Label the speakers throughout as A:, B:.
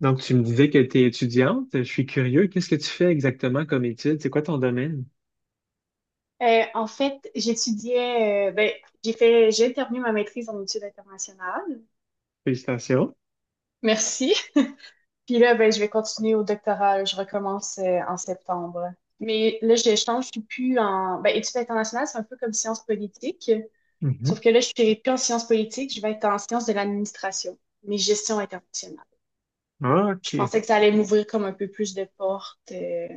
A: Donc, tu me disais que tu es étudiante. Je suis curieux. Qu'est-ce que tu fais exactement comme étude? C'est quoi ton domaine?
B: En fait, j'étudiais, j'ai fait, j'ai terminé ma maîtrise en études internationales.
A: Félicitations.
B: Merci. Puis là, ben, je vais continuer au doctorat. Je recommence en septembre. Mais là, je change, je suis plus en, ben, études internationales, c'est un peu comme sciences politiques.
A: Mhm.
B: Sauf que là, je suis plus en sciences politiques, je vais être en sciences de l'administration, mais gestion internationale.
A: Ah,
B: Je
A: OK.
B: pensais que ça allait m'ouvrir comme un peu plus de portes.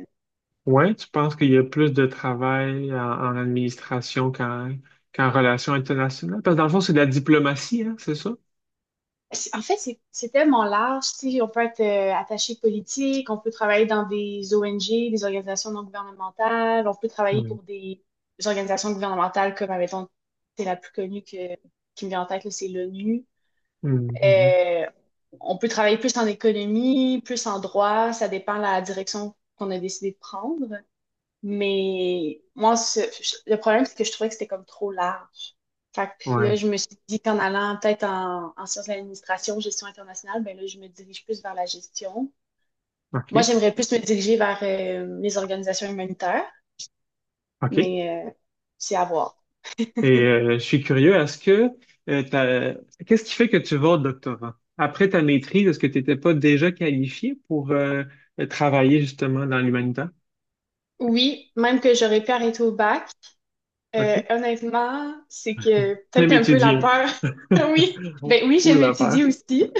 A: Ouais, tu penses qu'il y a plus de travail en, en administration qu'en qu'en relations internationales? Parce que dans le fond, c'est de la diplomatie, hein, c'est ça?
B: En fait, c'est tellement large. Tu sais, on peut être attaché politique, on peut travailler dans des ONG, des organisations non gouvernementales, on peut travailler
A: Mhm.
B: pour des organisations gouvernementales comme, admettons, c'est la plus qui me vient en tête, là, c'est l'ONU.
A: Mhm.
B: Euh, on peut travailler plus en économie, plus en droit, ça dépend de la direction qu'on a décidé de prendre. Mais le problème, c'est que je trouvais que c'était comme trop large. Fait que puis là,
A: Ouais,
B: je me suis dit qu'en allant peut-être en, en sciences de l'administration, gestion internationale, ben là, je me dirige plus vers la gestion. Moi,
A: OK.
B: j'aimerais plus me diriger vers les organisations humanitaires,
A: OK. Et
B: mais c'est à voir.
A: je suis curieux, est-ce que euh, t'as- qu'est-ce qui fait que tu vas au doctorat? Après ta maîtrise, est-ce que tu n'étais pas déjà qualifié pour travailler justement dans l'humanitaire?
B: Oui, même que j'aurais pu arrêter au bac,
A: OK.
B: honnêtement, c'est que
A: Thème
B: peut-être un peu la
A: étudié.
B: peur. Oui, ben oui,
A: Ou
B: j'aime
A: l'affaire.
B: étudier aussi.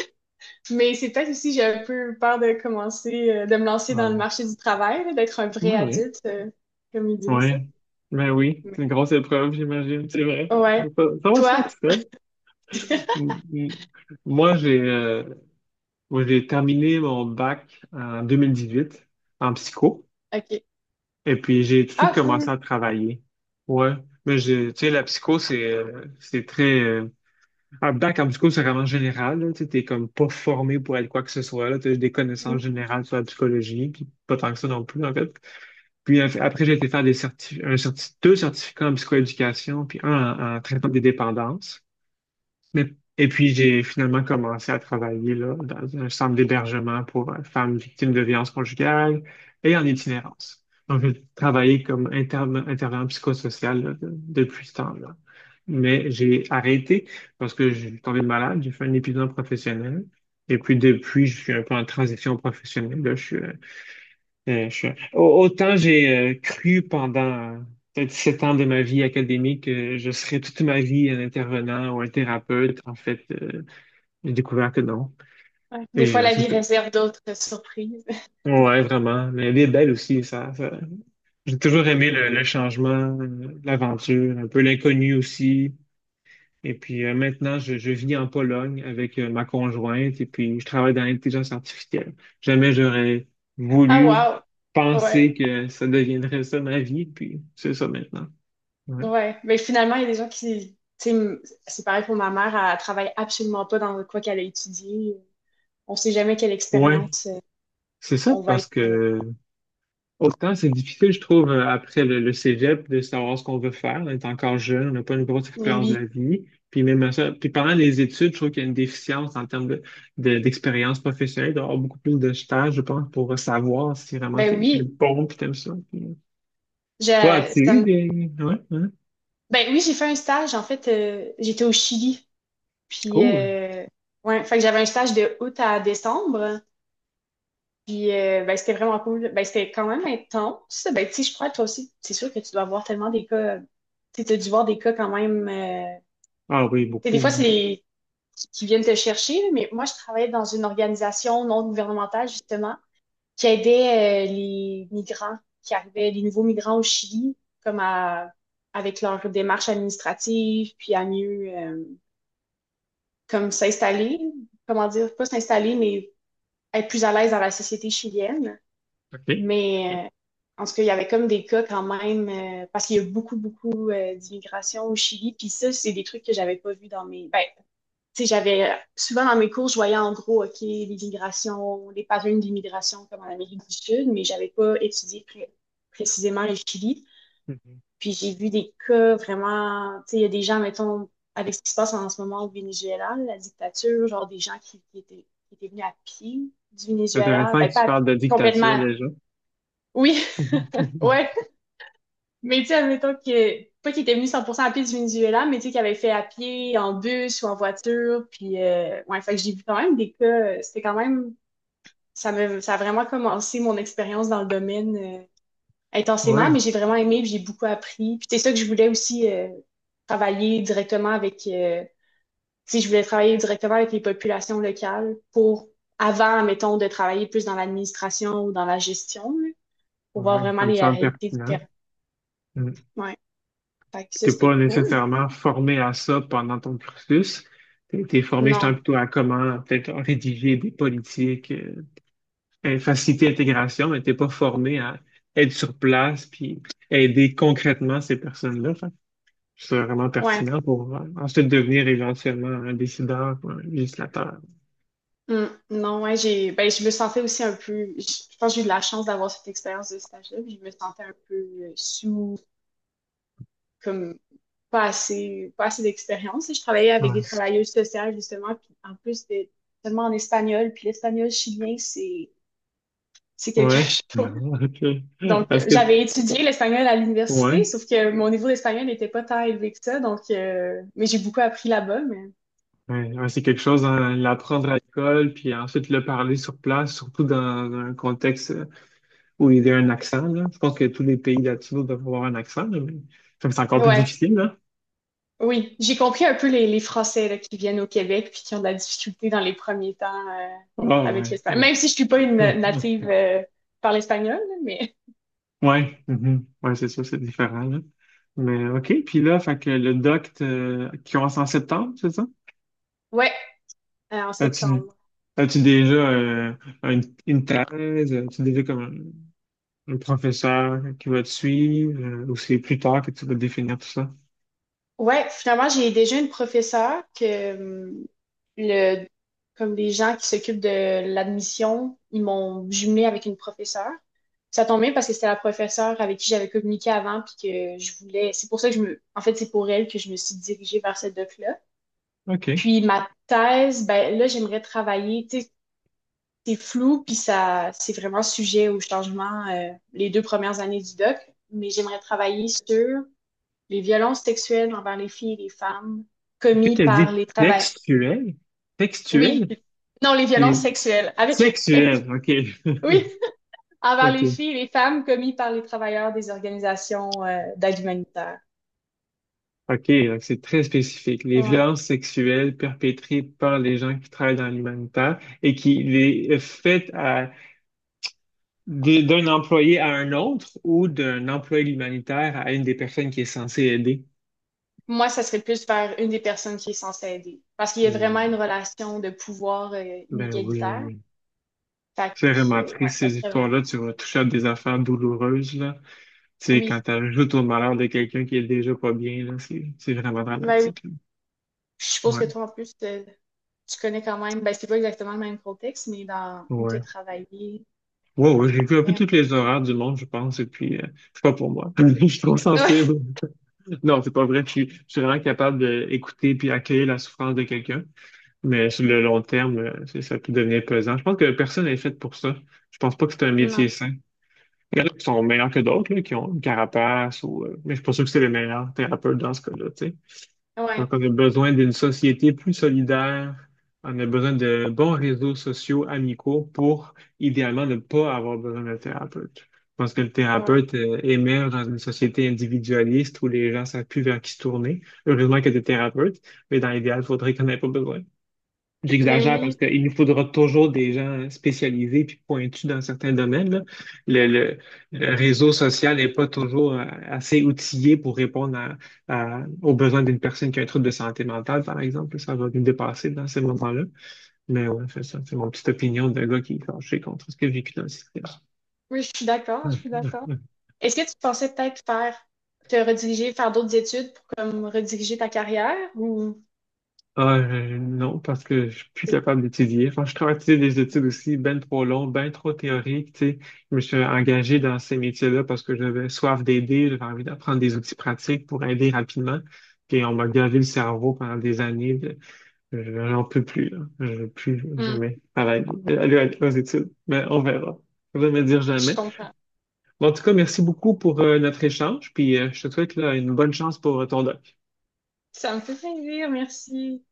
B: Mais c'est peut-être aussi, j'ai un peu peur de commencer, de me lancer dans le
A: Ouais.
B: marché du travail, là, d'être un vrai
A: Oui, oui.
B: adulte, comme ils disent. Là.
A: Ouais. Ben oui, c'est
B: Mais-
A: une grosse épreuve, j'imagine, c'est vrai.
B: Ouais.
A: Ça va se faire
B: Toi?
A: tout seul. M- m- Moi, j'ai euh, moi, j'ai terminé mon bac en 2018 en psycho.
B: OK.
A: Et puis, j'ai tout de
B: Ah,
A: suite
B: cool.
A: commencé à travailler. Ouais. Mais j'ai, tu sais, la psycho, c'est très, en même temps, quand tu c'est vraiment général, là, tu sais, t'es comme pas formé pour être quoi que ce soit, là, t'as des
B: Mm.
A: connaissances générales sur la psychologie, puis pas tant que ça non plus, en fait. Puis après, j'ai été faire des deux certificats en psychoéducation, puis un en, en traitement des dépendances. Mais, et puis, j'ai finalement commencé à travailler là, dans un centre d'hébergement pour femmes victimes de violences conjugales et en itinérance. Donc, j'ai travaillé comme interne, intervenant psychosocial là, depuis ce temps-là. Mais j'ai arrêté parce que j'ai tombé malade, j'ai fait un épuisement professionnel. Et puis, depuis, je suis un peu en transition professionnelle là. Euh, je- Autant j'ai cru pendant peut-être 7 ans de ma vie académique que je serais toute ma vie un intervenant ou un thérapeute, en fait, j'ai découvert que non.
B: Ouais. Des
A: Et
B: fois, la
A: c'est
B: vie
A: ça.
B: réserve d'autres surprises.
A: Ouais, vraiment. Mais elle est belle aussi, ça. J'ai toujours aimé le changement, l'aventure, un peu l'inconnu aussi. Et puis maintenant, je vis en Pologne avec ma conjointe et puis je travaille dans l'intelligence artificielle. Jamais j'aurais
B: Ah,
A: voulu
B: wow. Ouais.
A: penser que ça deviendrait ça ma vie, puis c'est ça maintenant. Ouais,
B: Ouais. Mais finalement, il y a des gens qui, tu sais, m- c'est pareil pour ma mère, elle travaille absolument pas dans quoi qu'elle a étudié. On sait jamais quelle
A: ouais,
B: expérience
A: c'est ça
B: on va
A: parce
B: être.
A: que autant c'est difficile, je trouve, après le cégep, de savoir ce qu'on veut faire. On est encore jeune, on n'a pas une grosse
B: Mais
A: expérience de
B: oui.
A: la vie. Puis même à ça, puis pendant les études, je trouve qu'il y a une déficience en termes de, d'expérience professionnelle, d'avoir beaucoup plus de stages, je pense, pour savoir si vraiment
B: Ben
A: t'es, t'es
B: oui.
A: bon puis t'aimes ça. Puis, toi,
B: Je,
A: as-tu
B: ça
A: eu
B: me.
A: des... Ouais, hein?
B: Ben oui, j'ai fait un stage. En fait, j'étais au Chili. Puis,
A: Cool.
B: euh, ouais, fait que j'avais un stage de août à décembre. Ben, c'était vraiment cool. Ben, c'était quand même intense. Ben, tu sais, je crois, toi aussi, c'est sûr que tu dois voir tellement des cas. Tu sais, t'as dû voir des cas quand même.
A: Ah oui,
B: Tu sais, des
A: beaucoup,
B: fois, c'est
A: hein.
B: les qui viennent te chercher. Là, mais moi, je travaillais dans une organisation non gouvernementale, justement, qui aidait les migrants qui arrivaient, les nouveaux migrants au Chili, comme à, avec leur démarche administrative, puis à mieux. Comme s'installer, comment dire, pas s'installer, mais être plus à l'aise dans la société chilienne.
A: OK.
B: Mais en tout cas, il y avait comme des cas quand même, parce qu'il y a beaucoup, beaucoup d'immigration au Chili. Puis ça, c'est des trucs que j'avais pas vu dans mes... Ben, tu sais, j'avais... Souvent dans mes cours, je voyais en gros, OK, l'immigration, les patterns d'immigration comme en Amérique du Sud, mais j'avais pas étudié précisément le Chili.
A: Mhm.
B: Puis j'ai vu des cas vraiment, tu sais, il y a des gens, mettons, avec ce qui se passe en ce moment au Venezuela, la dictature, genre des gens qui étaient venus à pied du
A: C'est
B: Venezuela.
A: intéressant
B: Ben,
A: que tu
B: pas à pied,
A: parles de dictature
B: complètement.
A: déjà.
B: Oui, ouais. Mais tu sais, admettons que, pas qu'ils étaient venus 100% à pied du Venezuela, mais tu sais, qu'ils avaient fait à pied, en bus ou en voiture. Ouais, fait que j'ai vu quand même des cas, c'était quand même, ça me, ça a vraiment commencé mon expérience dans le domaine, intensément, mais
A: Oui,
B: j'ai vraiment aimé, puis j'ai beaucoup appris. Puis c'est ça que je voulais aussi travailler directement avec, tu sais, je voulais travailler directement avec les populations locales pour, avant, mettons, de travailler plus dans l'administration ou dans la gestion, là, pour voir
A: oui,
B: vraiment
A: ça me
B: les
A: semble
B: réalités du
A: pertinent.
B: terrain. Ouais. Fait que ça,
A: T'es
B: c'était
A: pas
B: cool.
A: nécessairement formé à ça pendant ton cursus. T'es, t'es formé justement
B: Non.
A: plutôt à comment peut-être rédiger des politiques, faciliter l'intégration, mais t'es pas formé à être sur place puis aider concrètement ces personnes-là. Fait que c'est vraiment
B: Ouais.
A: pertinent pour ensuite devenir éventuellement un décideur ou un législateur.
B: Mm. Non, ouais, j'ai, ben, je me sentais aussi un peu, je pense que j'ai eu de la chance d'avoir cette expérience de stage-là, puis je me sentais un peu sous, comme, pas assez, pas assez d'expérience. Je travaillais avec des
A: Ouais.
B: travailleuses sociales, justement, puis en plus, c'était seulement en espagnol, puis l'espagnol chilien, c'est quelque
A: Ouais. Ah,
B: chose.
A: OK.
B: Donc,
A: Est-ce que
B: j'avais étudié l'espagnol à l'université,
A: ouais.
B: sauf que mon niveau d'espagnol n'était pas tant élevé que ça, donc, mais j'ai beaucoup appris là-bas, mais
A: Ouais, ouais, c'est quelque chose, hein, l'apprendre à l'école, puis ensuite le parler sur place, surtout dans un contexte où il y a un accent, là. Je pense que tous les pays latinos doivent avoir un accent, là, mais comme c'est encore plus
B: ouais.
A: difficile, là.
B: Oui, j'ai compris un peu les Français là, qui viennent au Québec puis qui ont de la difficulté dans les premiers temps
A: Ah,
B: avec
A: ouais.
B: l'espagnol. Même si je suis pas une native par l'espagnol, là, mais
A: Ouais, mhm. Ouais, c'est sûr, c'est différent, là. Mais OK, puis là, fait que le qui commence en septembre, c'est ça?
B: ouais, en
A: As-tu
B: septembre.
A: as-tu déjà une, une thèse? As-tu déjà comme un professeur qui va te suivre? Ou c'est plus tard que tu vas définir tout ça?
B: Ouais, finalement, j'ai déjà une professeure que le comme les gens qui s'occupent de l'admission, ils m'ont jumelée avec une professeure. Ça tombe bien parce que c'était la professeure avec qui j'avais communiqué avant puis que je voulais. C'est pour ça que je me. En fait, c'est pour elle que je me suis dirigée vers cette doc-là.
A: OK. Est-ce
B: Puis ma thèse, ben là, j'aimerais travailler. Tu sais, c'est flou puis ça, c'est vraiment sujet au changement les deux premières années du doc. Mais j'aimerais travailler sur les violences sexuelles envers les filles et les femmes
A: que tu
B: commises
A: as
B: par
A: dit
B: les travailleurs.
A: textuel?
B: Oui,
A: Textuel?
B: non, les
A: Et
B: violences sexuelles avec
A: sexuel, OK.
B: oui, envers les
A: OK.
B: filles et les femmes commises par les travailleurs des organisations d'aide humanitaire.
A: OK, donc c'est très spécifique. Les
B: Ouais.
A: violences sexuelles perpétrées par les gens qui travaillent dans l'humanitaire et qui les faites à, d'un employé à un autre ou d'un employé de l'humanitaire à une des personnes qui est censée aider.
B: Moi, ça serait plus vers une des personnes qui est censée aider. Parce qu'il y a
A: Euh,
B: vraiment une relation de pouvoir
A: ben oui,
B: inégalitaire.
A: oui.
B: Fait
A: C'est vraiment
B: que, ouais,
A: triste
B: ça
A: ces
B: serait vraiment.
A: histoires-là. Tu vas toucher à des affaires douloureuses, là. Tu sais,
B: Oui,
A: quand tu ajoutes au malheur de quelqu'un qui est déjà pas bien, là, c'est vraiment
B: ben oui.
A: dramatique là.
B: Je suppose que
A: Ouais,
B: toi, en plus, tu connais quand même. Ben, c'est pas exactement le même contexte, mais dans où tu as
A: ouais.
B: travaillé.
A: Wow, ouais, j'ai vu un peu
B: Ben,
A: toutes les horreurs du monde, je pense, et puis c'est pas pour moi. Je suis trop
B: ouais.
A: sensible. Non, c'est pas vrai. Je suis vraiment capable d'écouter puis accueillir la souffrance de quelqu'un, mais sur le long terme, ça peut devenir pesant. Je pense que personne n'est fait pour ça. Je pense pas que c'est un
B: Non.
A: métier sain. Il y en a qui sont meilleurs que d'autres, là, qui ont une carapace, ou, mais je suis pas sûr que c'est le meilleur thérapeute dans ce cas-là, tu sais.
B: Ouais.
A: Donc, on a besoin d'une société plus solidaire. On a besoin de bons réseaux sociaux amicaux pour, idéalement, ne pas avoir besoin d'un thérapeute. Je pense que le
B: Ouais.
A: thérapeute, émerge dans une société individualiste où les gens savent plus vers qui se tourner. Heureusement qu'il y a des thérapeutes, mais dans l'idéal, il faudrait qu'on n'ait pas besoin.
B: Mais
A: J'exagère parce
B: oui,
A: qu'il nous faudra toujours des gens spécialisés puis pointus dans certains domaines, là. Le, le réseau social n'est pas toujours assez outillé pour répondre aux besoins d'une personne qui a un trouble de santé mentale, par exemple. Ça va nous dépasser dans ces moments-là. Mais ouais, c'est ça. C'est mon petite opinion de gars qui est fâché contre ce qu'il a vécu dans le système.
B: oui, je suis d'accord, je suis d'accord. Est-ce que tu pensais peut-être faire te rediriger, faire d'autres études pour comme rediriger ta carrière ou.
A: Ah, non, parce que je suis plus capable d'étudier. Enfin, je travaille des études aussi ben trop longues, ben trop théoriques, tu sais. Je me suis engagé dans ces métiers-là parce que j'avais soif d'aider, j'avais envie d'apprendre des outils pratiques pour aider rapidement. Puis on m'a gavé le cerveau pendant des années. Je n'en peux plus, là. Je veux plus
B: Hmm,
A: jamais travailler, aller aux études. Mais on verra. Je vais me dire
B: je
A: jamais.
B: comprends.
A: Bon, en tout cas, merci beaucoup pour notre échange. Puis je te souhaite là, une bonne chance pour ton doc.
B: Ça me fait plaisir, merci.